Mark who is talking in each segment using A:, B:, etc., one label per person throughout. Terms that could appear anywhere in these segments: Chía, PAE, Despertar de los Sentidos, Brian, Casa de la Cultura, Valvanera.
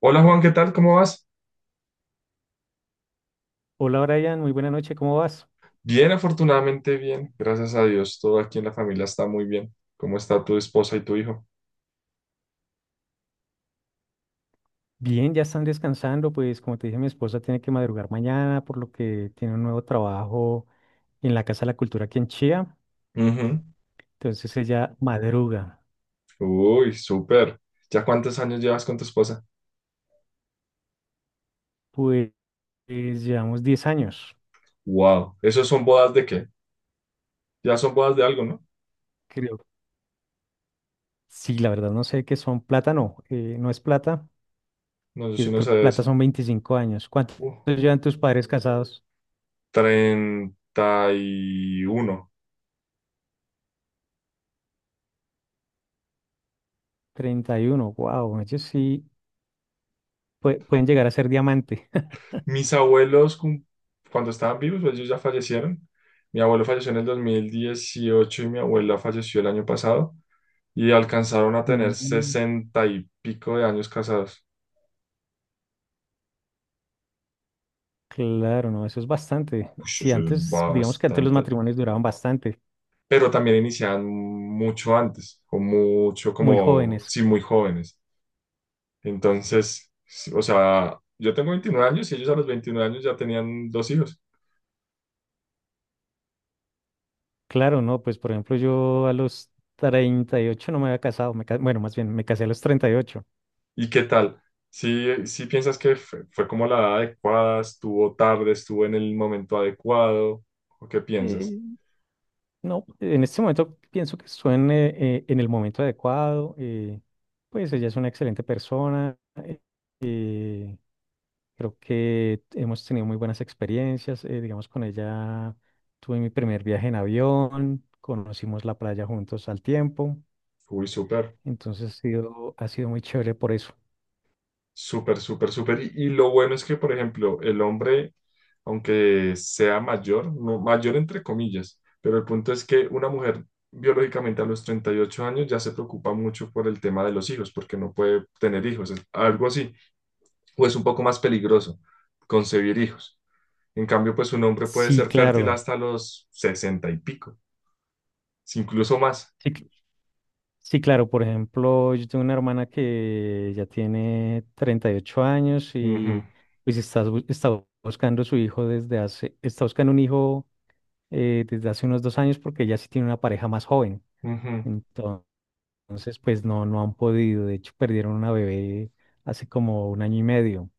A: Hola Juan, ¿qué tal? ¿Cómo vas?
B: Hola Brian, muy buena noche, ¿cómo vas?
A: Bien, afortunadamente bien, gracias a Dios. Todo aquí en la familia está muy bien. ¿Cómo está tu esposa y tu hijo?
B: Bien, ya están descansando, pues como te dije, mi esposa tiene que madrugar mañana, por lo que tiene un nuevo trabajo en la Casa de la Cultura aquí en Chía,
A: Ujú.
B: entonces ella madruga.
A: Uy, súper. ¿Ya cuántos años llevas con tu esposa?
B: Pues, llevamos 10 años,
A: Wow, ¿esos son bodas de qué? Ya son bodas de algo, ¿no?
B: creo. Sí, la verdad no sé qué son plata, no, no es plata,
A: No, yo sí
B: que
A: no
B: creo
A: sé
B: que
A: de
B: plata
A: eso.
B: son 25 años. ¿Cuántos
A: Uh,
B: llevan tus padres casados?
A: Treinta y uno.
B: 31. Wow, ellos sí pueden llegar a ser diamante.
A: Mis abuelos, cuando estaban vivos, pues ellos ya fallecieron. Mi abuelo falleció en el 2018 y mi abuela falleció el año pasado, y alcanzaron a tener
B: Mm,
A: sesenta y pico de años casados.
B: claro, no, eso es bastante.
A: Ush,
B: Sí,
A: eso es
B: antes, digamos que antes los
A: bastante.
B: matrimonios duraban bastante,
A: Pero también iniciaban mucho antes, o mucho
B: muy
A: como,
B: jóvenes.
A: sí, muy jóvenes. Entonces, sí, o sea, yo tengo 29 años y ellos a los 29 años ya tenían dos hijos.
B: Claro, no, pues por ejemplo yo a los 38 no me había casado, bueno, más bien me casé a los 38.
A: ¿Y qué tal? ¿Si piensas que fue como la edad adecuada? ¿Estuvo tarde? ¿Estuvo en el momento adecuado? ¿O qué piensas?
B: Eh, no, en este momento pienso que estuve en el momento adecuado, pues ella es una excelente persona, eh, creo que hemos tenido muy buenas experiencias, digamos con ella tuve mi primer viaje en avión, conocimos la playa juntos al tiempo.
A: Uy, súper.
B: Entonces ha sido muy chévere por eso.
A: Súper, súper, súper. Y lo bueno es que, por ejemplo, el hombre, aunque sea mayor, no, mayor entre comillas, pero el punto es que una mujer biológicamente a los 38 años ya se preocupa mucho por el tema de los hijos, porque no puede tener hijos, es algo así, o es un poco más peligroso concebir hijos. En cambio, pues un hombre puede
B: Sí,
A: ser fértil
B: claro.
A: hasta los sesenta y pico, si incluso más.
B: Sí, cl- sí, claro. Por ejemplo, yo tengo una hermana que ya tiene 38 años
A: Ujú,
B: y pues está buscando su hijo desde hace, está buscando un hijo desde hace unos dos años porque ella sí tiene una pareja más joven.
A: ujú.
B: Entonces, pues no, no han podido. De hecho, perdieron una bebé hace como un año y medio.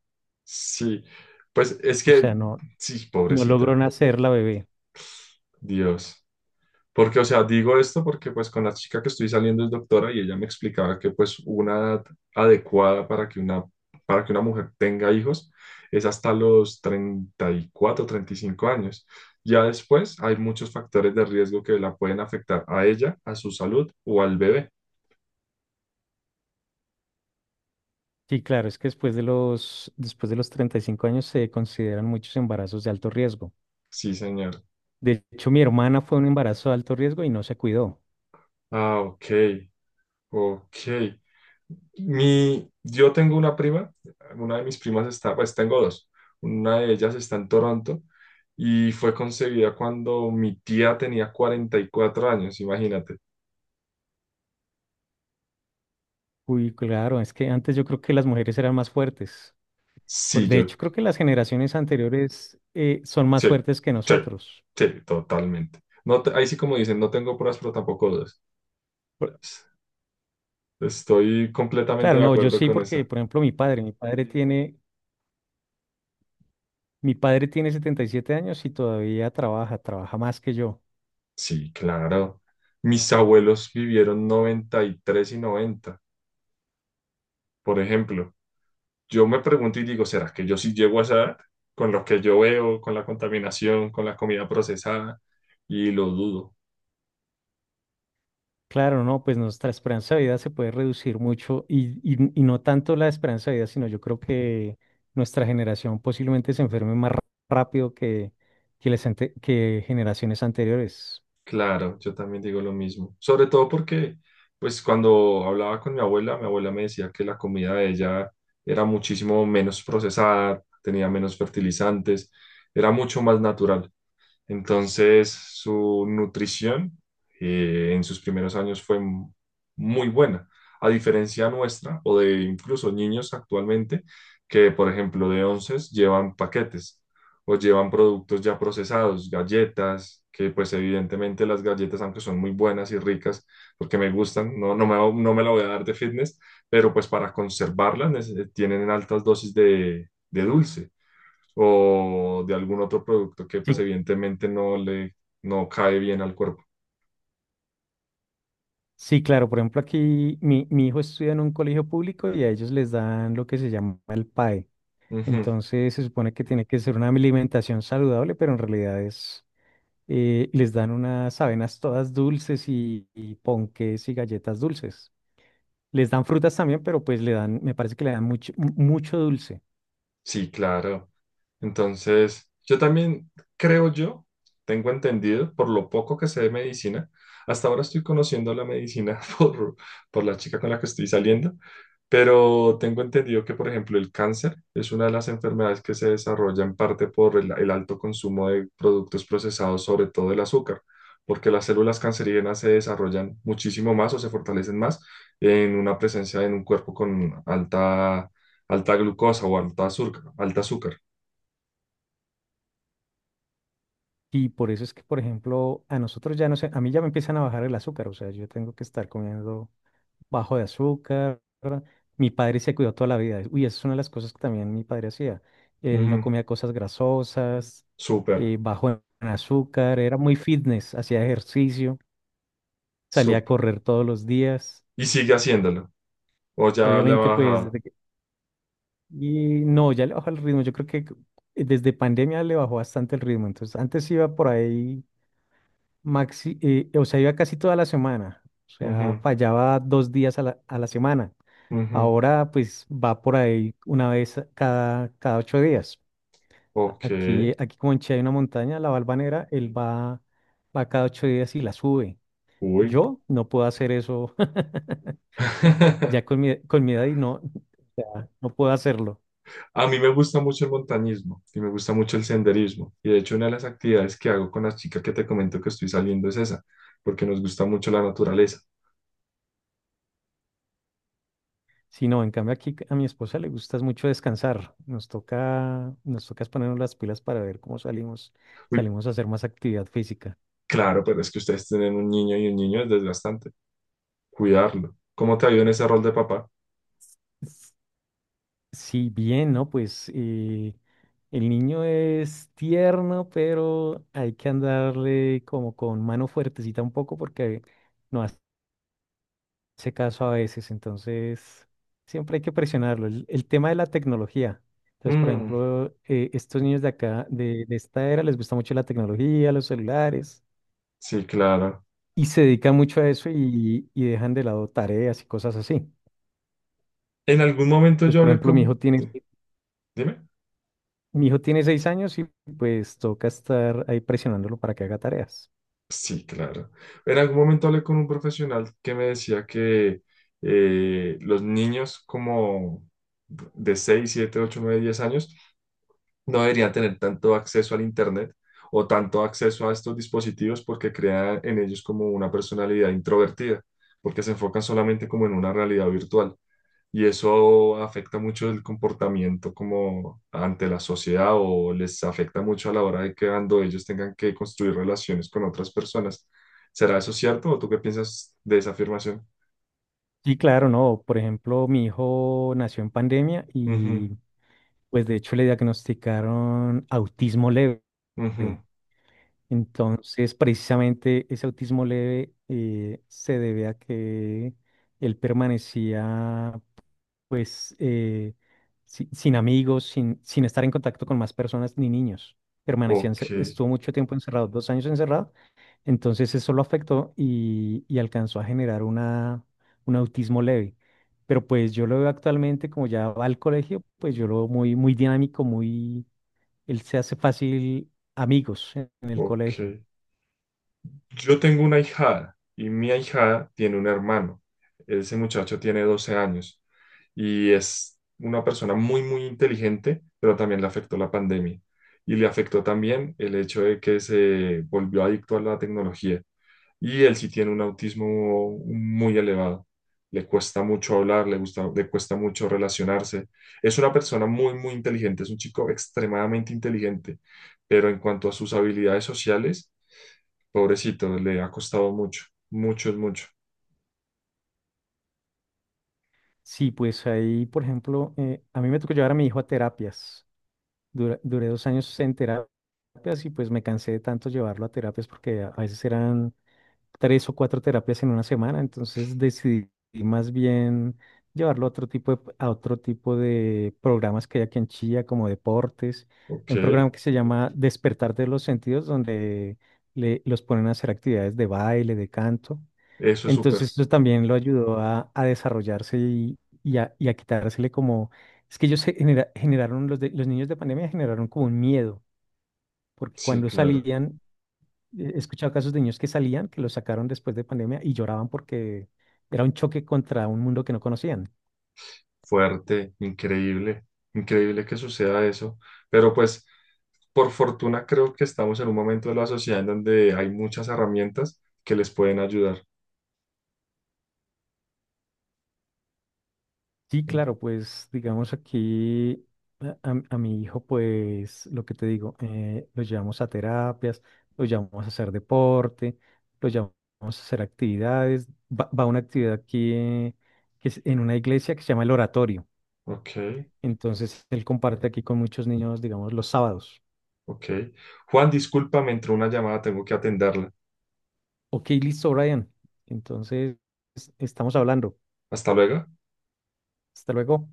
A: Sí, pues es
B: O
A: que,
B: sea, no,
A: sí,
B: no logró
A: pobrecita,
B: nacer la bebé.
A: Dios. Porque, o sea, digo esto porque pues con la chica que estoy saliendo es doctora y ella me explicaba que pues una edad adecuada para que una mujer tenga hijos es hasta los treinta y cuatro, treinta y cinco años. Ya después hay muchos factores de riesgo que la pueden afectar a ella, a su salud o al bebé.
B: Sí, claro, es que después de los 35 años se consideran muchos embarazos de alto riesgo.
A: Sí, señor.
B: De hecho, mi hermana fue un embarazo de alto riesgo y no se cuidó.
A: Ah, ok, ok. Yo tengo una prima, una de mis pues tengo dos, una de ellas está en Toronto y fue concebida cuando mi tía tenía 44 años, imagínate.
B: Uy, claro, es que antes yo creo que las mujeres eran más fuertes.
A: Sí,
B: De
A: yo,
B: hecho, creo que las generaciones anteriores son más
A: sí,
B: fuertes que
A: sí,
B: nosotros.
A: sí, totalmente. No, ahí sí como dicen, no tengo pruebas, pero tampoco dudas.
B: Por-
A: Estoy completamente
B: claro,
A: de
B: no, yo
A: acuerdo
B: sí,
A: con
B: porque,
A: esa.
B: por ejemplo, mi padre tiene 77 años y todavía trabaja, trabaja más que yo.
A: Sí, claro. Mis abuelos vivieron 93 y 90, por ejemplo. Yo me pregunto y digo, ¿será que yo sí llego a esa edad? Con lo que yo veo, con la contaminación, con la comida procesada, y lo dudo.
B: Claro, no, pues nuestra esperanza de vida se puede reducir mucho y no tanto la esperanza de vida, sino yo creo que nuestra generación posiblemente se enferme más ra- rápido que generaciones anteriores.
A: Claro, yo también digo lo mismo. Sobre todo porque, pues cuando hablaba con mi abuela me decía que la comida de ella era muchísimo menos procesada, tenía menos fertilizantes, era mucho más natural. Entonces, su nutrición en sus primeros años fue muy buena, a diferencia nuestra o de incluso niños actualmente que, por ejemplo, de onces llevan paquetes o llevan productos ya procesados, galletas, que pues evidentemente las galletas, aunque son muy buenas y ricas, porque me gustan, no me la voy a dar de fitness, pero pues para conservarlas tienen altas dosis de dulce o de algún otro producto que pues
B: Sí,
A: evidentemente no cae bien al cuerpo.
B: sí, claro, por ejemplo, mi hijo estudia en un colegio público y a ellos les dan lo que se llama el PAE.
A: Ujú.
B: Entonces se supone que tiene que ser una alimentación saludable, pero les dan unas avenas todas dulces y ponques y galletas dulces. Les dan frutas también, pero pues le dan, me parece que le dan mucho, mu- mucho dulce.
A: Sí, claro. Entonces, yo también creo yo, tengo entendido, por lo poco que sé de medicina, hasta ahora estoy conociendo la medicina por la chica con la que estoy saliendo, pero tengo entendido que, por ejemplo, el cáncer es una de las enfermedades que se desarrolla en parte por el alto consumo de productos procesados, sobre todo el azúcar, porque las células cancerígenas se desarrollan muchísimo más o se fortalecen más en una presencia en un cuerpo con alta glucosa o alta azúcar.
B: Y por eso es que, por ejemplo, a nosotros ya no sé, a mí ya me empiezan a bajar el azúcar, o sea, yo tengo que estar comiendo bajo de azúcar. Mi padre se cuidó toda la vida. Uy, esa es una de las cosas que también mi padre hacía. Él
A: Ujú.
B: no comía cosas grasosas,
A: Súper,
B: bajo en azúcar, era muy fitness, hacía ejercicio, salía a
A: súper.
B: correr todos los días.
A: Y sigue haciéndolo. O ya le ha
B: Obviamente, pues
A: bajado.
B: desde... Y no, ya le bajó el ritmo. Yo creo que desde pandemia le bajó bastante el ritmo. Entonces, antes iba por ahí o sea, iba casi toda la semana. O sea,
A: Ujú,
B: fallaba dos días a la semana.
A: ujú.
B: Ahora, pues, va por ahí cada, cada ocho días.
A: Ok.
B: Aquí, aquí como en Chile hay una montaña, la Valvanera, va cada ocho días y la sube.
A: Uy.
B: Yo no puedo hacer eso ya con mi edad y no, o sea, no puedo hacerlo.
A: A mí me gusta mucho el montañismo y me gusta mucho el senderismo. Y de hecho, una de las actividades que hago con la chica que te comento que estoy saliendo es esa, porque nos gusta mucho la naturaleza.
B: Sí, no, en cambio aquí a mi esposa le gusta mucho descansar. Nos toca es ponernos las pilas para ver cómo salimos,
A: Uy,
B: salimos a hacer más actividad física.
A: claro, pero es que ustedes tienen un niño y un niño es desgastante. Cuidarlo. ¿Cómo te ha ido en ese rol de papá?
B: S- Sí, bien, ¿no? Pues el niño es tierno, pero hay que andarle como con mano fuertecita un poco porque no hace caso a veces. Entonces, siempre hay que presionarlo. El tema de la tecnología. Entonces, por
A: Mm,
B: ejemplo, estos niños de acá, de esta era, les gusta mucho la tecnología, los celulares.
A: sí, claro.
B: Y se dedican mucho a eso y dejan de lado tareas y cosas así.
A: En algún momento
B: Entonces,
A: yo
B: por
A: hablé
B: ejemplo,
A: con... Dime.
B: mi hijo tiene seis años y pues toca estar ahí presionándolo para que haga tareas.
A: Sí, claro. En algún momento hablé con un profesional que me decía que los niños como de 6, 7, 8, 9, 10 años no deberían tener tanto acceso al Internet o tanto acceso a estos dispositivos porque crean en ellos como una personalidad introvertida, porque se enfocan solamente como en una realidad virtual, y eso afecta mucho el comportamiento como ante la sociedad o les afecta mucho a la hora de que cuando ellos tengan que construir relaciones con otras personas. ¿Será eso cierto o tú qué piensas de esa afirmación?
B: Sí claro, no, por ejemplo, mi hijo nació en pandemia y pues de hecho le diagnosticaron autismo leve.
A: Ujú, ujú.
B: Entonces, precisamente ese autismo leve se debe a que él permanecía pues sin amigos, sin estar en contacto con más personas ni niños.
A: Ok,
B: Estuvo mucho tiempo encerrado, dos años encerrado, entonces eso lo afectó y alcanzó a generar una, un autismo leve. Pero pues yo lo veo actualmente, como ya va al colegio, pues yo lo veo muy dinámico, muy, él se hace fácil amigos en el
A: ok.
B: colegio.
A: Yo tengo una hijada y mi ahijada tiene un hermano. Ese muchacho tiene 12 años y es una persona muy, muy inteligente, pero también le afectó la pandemia. Y le afectó también el hecho de que se volvió adicto a la tecnología. Y él sí tiene un autismo muy elevado. Le cuesta mucho hablar, le cuesta mucho relacionarse. Es una persona muy, muy inteligente, es un chico extremadamente inteligente, pero en cuanto a sus habilidades sociales, pobrecito, le ha costado mucho, mucho es mucho.
B: Sí, pues ahí, por ejemplo, a mí me tocó llevar a mi hijo a terapias. Duré dos años en terapias y pues me cansé de tanto llevarlo a terapias porque a veces eran tres o cuatro terapias en una semana, entonces decidí más bien llevarlo a a otro tipo de programas que hay aquí en Chía, como deportes.
A: Ok,
B: Hay un programa que se llama Despertar de los Sentidos, donde los ponen a hacer actividades de baile, de canto.
A: eso es súper,
B: Entonces eso también lo ayudó a desarrollarse y a quitársele como, es que ellos generaron, los niños de pandemia generaron como un miedo, porque
A: sí,
B: cuando
A: claro,
B: salían, he escuchado casos de niños que salían, que los sacaron después de pandemia y lloraban porque era un choque contra un mundo que no conocían.
A: fuerte, increíble, increíble que suceda eso, pero pues por fortuna creo que estamos en un momento de la sociedad en donde hay muchas herramientas que les pueden ayudar.
B: Sí, claro, pues digamos aquí a mi hijo, pues lo que te digo, lo llevamos a terapias, lo llevamos a hacer deporte, lo llevamos a hacer actividades. Va a una actividad aquí que es en una iglesia que se llama el oratorio.
A: Ok,
B: Entonces él comparte aquí con muchos niños, digamos, los sábados.
A: ok. Juan, discúlpame, entró una llamada, tengo que atenderla.
B: Ok, listo, Brian. Entonces estamos hablando.
A: Hasta luego.
B: Hasta luego.